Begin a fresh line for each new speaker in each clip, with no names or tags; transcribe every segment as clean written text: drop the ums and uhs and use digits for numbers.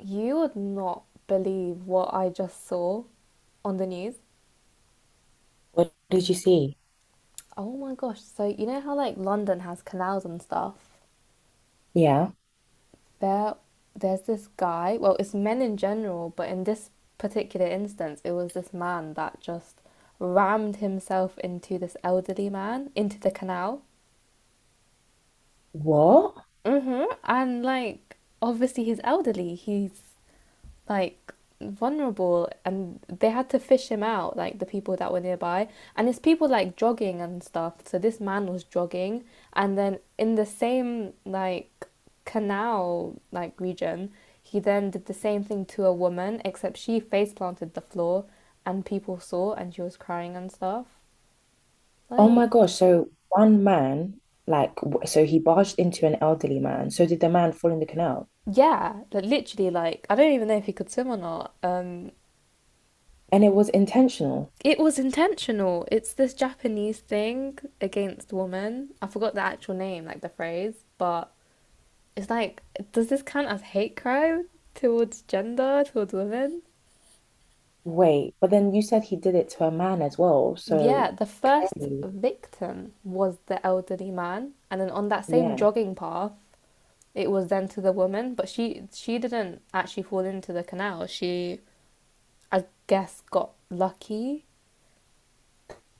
You would not believe what I just saw on the news.
What did you see?
Oh my gosh. So you know how like London has canals and stuff?
Yeah.
There there's this guy, well, it's men in general, but in this particular instance, it was this man that just rammed himself into this elderly man into the canal.
What?
Mhm. And like obviously he's elderly. He's like vulnerable, and they had to fish him out, like the people that were nearby, and it's people like jogging and stuff. So this man was jogging, and then in the same like canal like region he then did the same thing to a woman, except she face planted the floor and people saw and she was crying and stuff
Oh my
like.
gosh. So one man, like, so he barged into an elderly man. So did the man fall in the canal?
Yeah, like literally, like I don't even know if he could swim or not.
And it was intentional.
It was intentional. It's this Japanese thing against women. I forgot the actual name, like the phrase, but it's like, does this count as hate crime towards gender, towards women?
Wait, but then you said he did it to a man as well. So
Yeah, the first
clearly,
victim was the elderly man, and then on that same
yeah.
jogging path, it was then to the woman, but she didn't actually fall into the canal. She, I guess, got lucky.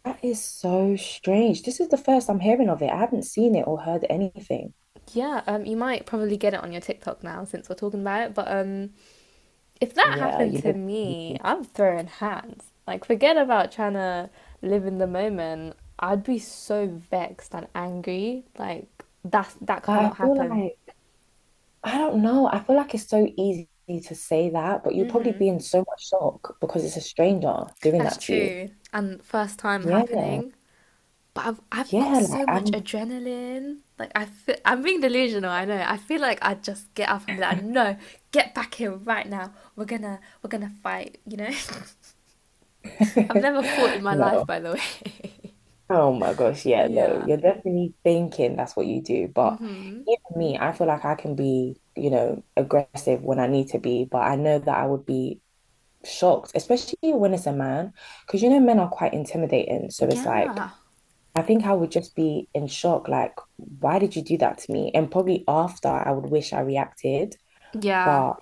That is so strange. This is the first I'm hearing of it. I haven't seen it or heard anything.
Yeah, you might probably get it on your TikTok now since we're talking about it, but if that
Yeah,
happened
you
to
know.
me, I'm throwing hands. Like, forget about trying to live in the moment. I'd be so vexed and angry. Like, that
But I
cannot
feel
happen.
like I don't know. I feel like it's so easy to say that, but you'll probably be in so much shock because it's a stranger doing
That's
that to you.
true. And first time
Yeah.
happening, but I've got
Yeah, like
so much
I'm
adrenaline. Like I feel, I'm being delusional. I know. I feel like I'd just get up and be like, no, get back here right now. We're gonna fight. You know. I've never fought in my
no.
life, by the way.
Oh my gosh, yeah, no.
yeah.
You're definitely thinking that's what you do, but
Mhm.
even me, I feel like I can be, you know, aggressive when I need to be, but I know that I would be shocked, especially when it's a man, because you know men are quite intimidating. So it's like
Yeah.
I think I would just be in shock, like, why did you do that to me? And probably after I would wish I reacted,
Yeah,
but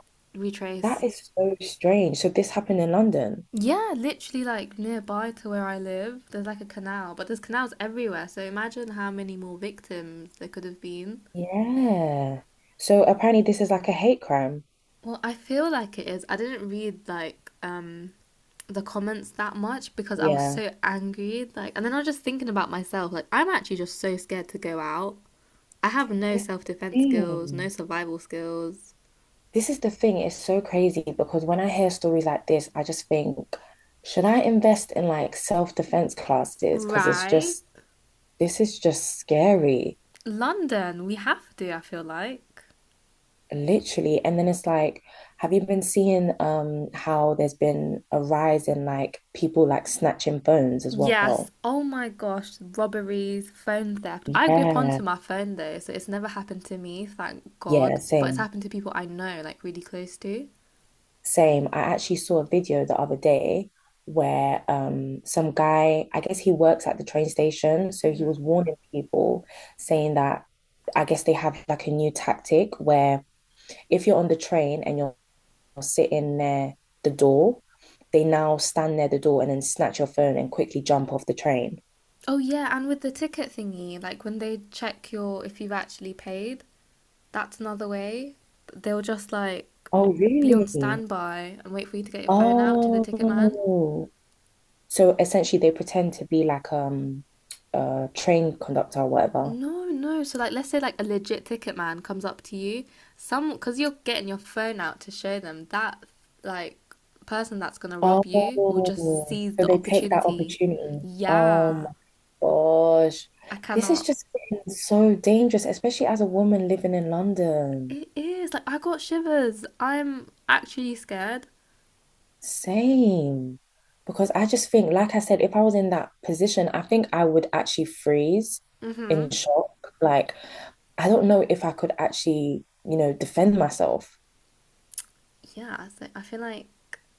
that
retrace.
is so strange. So this happened in London.
Yeah, literally like nearby to where I live, there's like a canal, but there's canals everywhere. So imagine how many more victims there could have been.
Yeah. So apparently this is like a hate crime.
Well, I feel like it is. I didn't read like the comments that much because I was
Yeah.
so angry. Like, and then I was just thinking about myself. Like, I'm actually just so scared to go out. I have no
This is
self
the
defense skills, no
thing.
survival skills.
This is the thing. It's so crazy because when I hear stories like this, I just think, should I invest in like self-defense classes? Because
Right.
this is just scary.
London, we have to, I feel like.
Literally. And then it's like, have you been seeing how there's been a rise in like people like snatching phones as
Yes.
well?
Oh my gosh. Robberies, phone theft. I grip
Yeah,
onto my phone though, so it's never happened to me, thank
yeah,
God. But it's
same.
happened to people I know, like really close to.
Same. I actually saw a video the other day where some guy, I guess he works at the train station, so he was warning people saying that I guess they have like a new tactic where if you're on the train and you're sitting near the door, they now stand near the door and then snatch your phone and quickly jump off the train.
Oh yeah, and with the ticket thingy, like when they check your if you've actually paid, that's another way. They'll just like
Oh,
be on
really?
standby and wait for you to get your phone out to the ticket man.
Oh. So essentially they pretend to be like a train conductor or whatever.
No, no. So, like, let's say, like, a legit ticket man comes up to you, some, because you're getting your phone out to show them, that, like, person that's gonna rob you will just
Oh,
seize
so
the
they take that
opportunity.
opportunity. Oh
Yeah,
my gosh.
I
This is
cannot.
just getting so dangerous, especially as a woman living in London.
It is, like, I got shivers. I'm actually scared.
Same. Because I just think, like I said, if I was in that position, I think I would actually freeze in
Mm-hmm.
shock. Like, I don't know if I could actually, you know, defend myself.
Yeah, so I feel like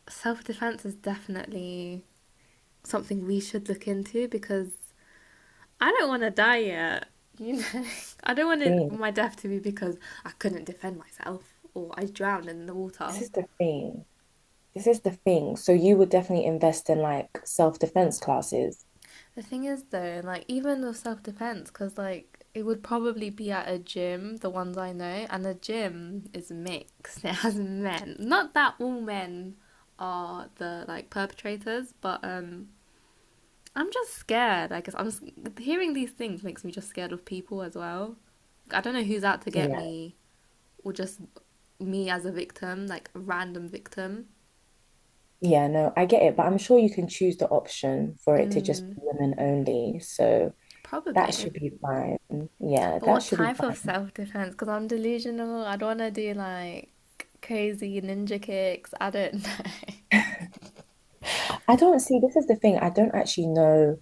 self-defense is definitely something we should look into because I don't want to die yet. You know, I don't want it,
Thing.
my death to be because I couldn't defend myself or I drowned in the
This
water.
is the thing. This is the thing. So you would definitely invest in like self-defense classes.
The thing is, though, like even with self defense, because like it would probably be at a gym, the ones I know, and the gym is mixed. It has men. Not that all men are the like perpetrators, but I'm just scared. I guess I'm hearing these things makes me just scared of people as well. I don't know who's out to get
Yeah.
me, or just me as a victim, like a random victim?
Yeah, no, I get it, but I'm sure you can choose the option for it to just be
Mm,
women only. So that
probably.
should be fine. Yeah,
But
that
what
should be
type of
fine.
self defense? Because I'm delusional. I don't want to do like crazy ninja kicks. I don't know.
I don't see, this is the thing, I don't actually know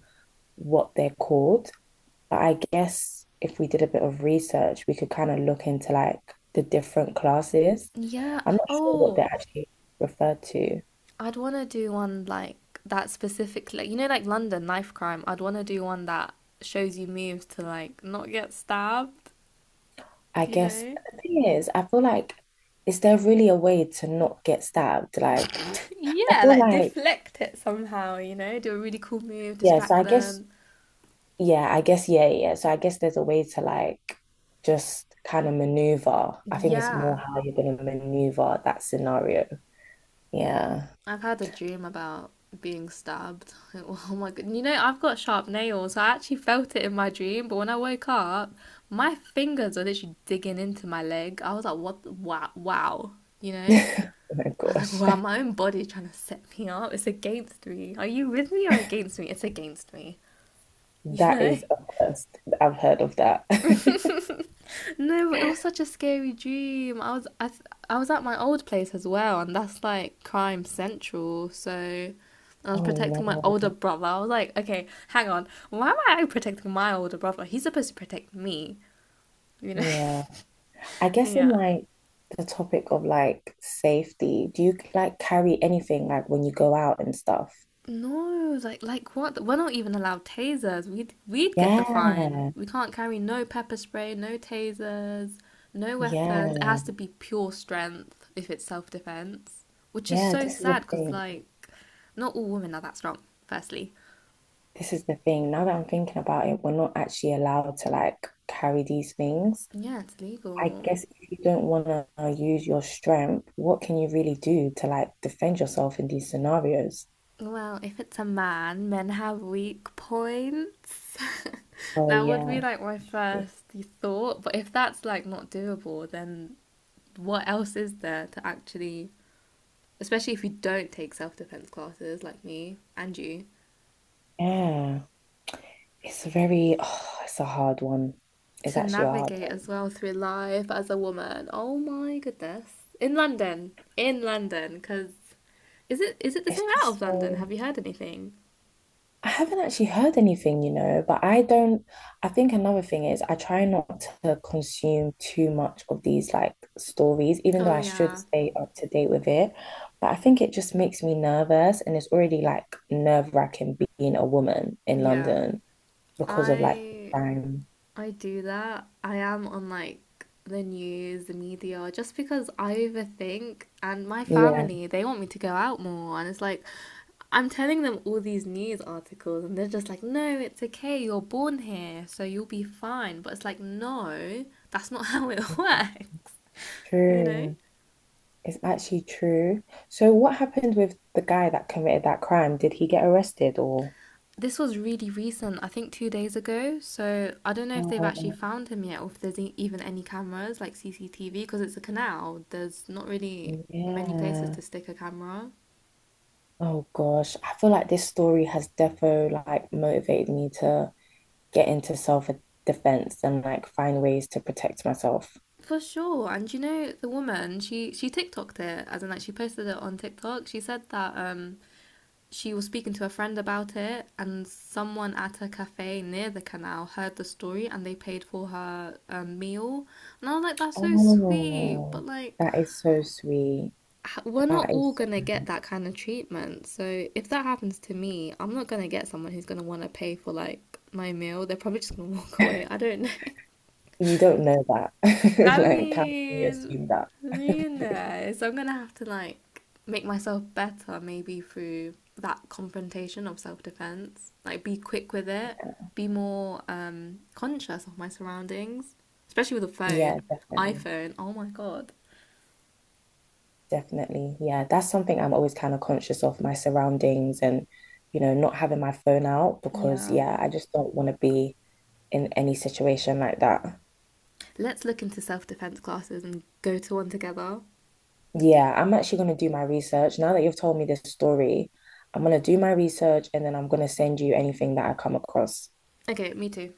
what they're called, but I guess if we did a bit of research, we could kind of look into like the different classes.
yeah.
I'm not sure what they're
Oh,
actually referred to.
I'd want to do one like that specifically. You know, like London knife crime. I'd want to do one that shows you moves to like not get stabbed.
I
You
guess
know.
the thing is, I feel like, is there really a way to not get stabbed? Like, I
yeah,
feel
like
like,
deflect it somehow. You know, do a really cool move,
yeah, so
distract them.
I guess, yeah, yeah. So I guess there's a way to like just kind of maneuver. I think it's more
Yeah.
how you're going to maneuver that scenario. Yeah.
I've had a dream about being stabbed. Oh my god! You know, I've got sharp nails. I actually felt it in my dream, but when I woke up, my fingers are literally digging into my leg. I was like, "What? Wow! Wow!" You know,
Oh my
I was like,
gosh.
"Wow!" My own body trying to set me up. It's against me. Are you with me or against me? It's against me. You
That
know.
is a first. I've heard of that.
no, it was such a scary dream. I was at my old place as well, and that's like crime central. So I was protecting my older
Oh
brother. I was like, okay, hang on, why am I protecting my older brother? He's supposed to protect me, you know?
no. Yeah. I guess in
yeah.
like the topic of like safety, do you like carry anything like when you go out and stuff?
No, like what? We're not even allowed tasers. We'd get the fine.
Yeah.
We can't carry no pepper spray, no tasers, no weapons. It
Yeah.
has to be pure strength if it's self defense, which is
Yeah.
so
This is a
sad because
thing.
like not all women are that strong. Firstly,
This is the thing. Now that I'm thinking about it, we're not actually allowed to like carry these things.
yeah, it's
I
legal.
guess if you don't want to use your strength, what can you really do to like defend yourself in these scenarios?
Well, if it's a man, men have weak points.
Oh,
that would be
yeah.
like my first thought. But if that's like not doable, then what else is there to actually especially if you don't take self defense classes like me and you,
Yeah. It's very, oh, it's a hard one. It's
to
actually a hard
navigate
one.
as well through life as a woman. Oh my goodness. In London. In London. Because is it the
It's
same out
just
of London?
so,
Have you heard anything?
I haven't actually heard anything, you know, but I don't. I think another thing is I try not to consume too much of these like stories, even
Oh,
though I should
yeah.
stay up to date with it. But I think it just makes me nervous, and it's already like nerve-wracking being a woman in
Yeah.
London because of like the
I
crime.
I do that. I am on like the news, the media, just because I overthink, and my
Yeah,
family, they want me to go out more. And it's like, I'm telling them all these news articles and they're just like, no, it's okay. You're born here, so you'll be fine. But it's like, no, that's not how it works, you know?
true. It's actually true. So what happened with the guy that committed that crime? Did he get arrested or?
This was really recent, I think 2 days ago. So I don't know if they've actually
Oh,
found him yet, or if there's e- even any cameras like CCTV because it's a canal. There's not really many places
yeah.
to stick a camera.
Oh gosh, I feel like this story has defo like motivated me to get into self-defense and like find ways to protect myself.
For sure. And you know, the woman, she TikToked it, as in like she posted it on TikTok. She said that she was speaking to a friend about it and someone at a cafe near the canal heard the story and they paid for her meal. And I was like, that's so sweet, but
Oh,
like
that is so sweet.
we're not
That
all
is,
going to get that kind of treatment. So if that happens to me, I'm not going to get someone who's going to want to pay for like my meal. They're probably just going to walk
so
away. I don't know.
you don't know that.
I
Like, how can you
mean,
assume that?
you know, so I'm going to have to like make myself better maybe through that confrontation of self-defense. Like be quick with it, be more conscious of my surroundings, especially with a
Yeah,
phone,
definitely.
iPhone. Oh my God.
Definitely. Yeah, that's something I'm always kind of conscious of my surroundings and, you know, not having my phone out because,
Yeah.
yeah, I just don't want to be in any situation like that.
Let's look into self defense classes and go to one together.
Yeah, I'm actually going to do my research. Now that you've told me this story, I'm going to do my research and then I'm going to send you anything that I come across.
Okay, me too.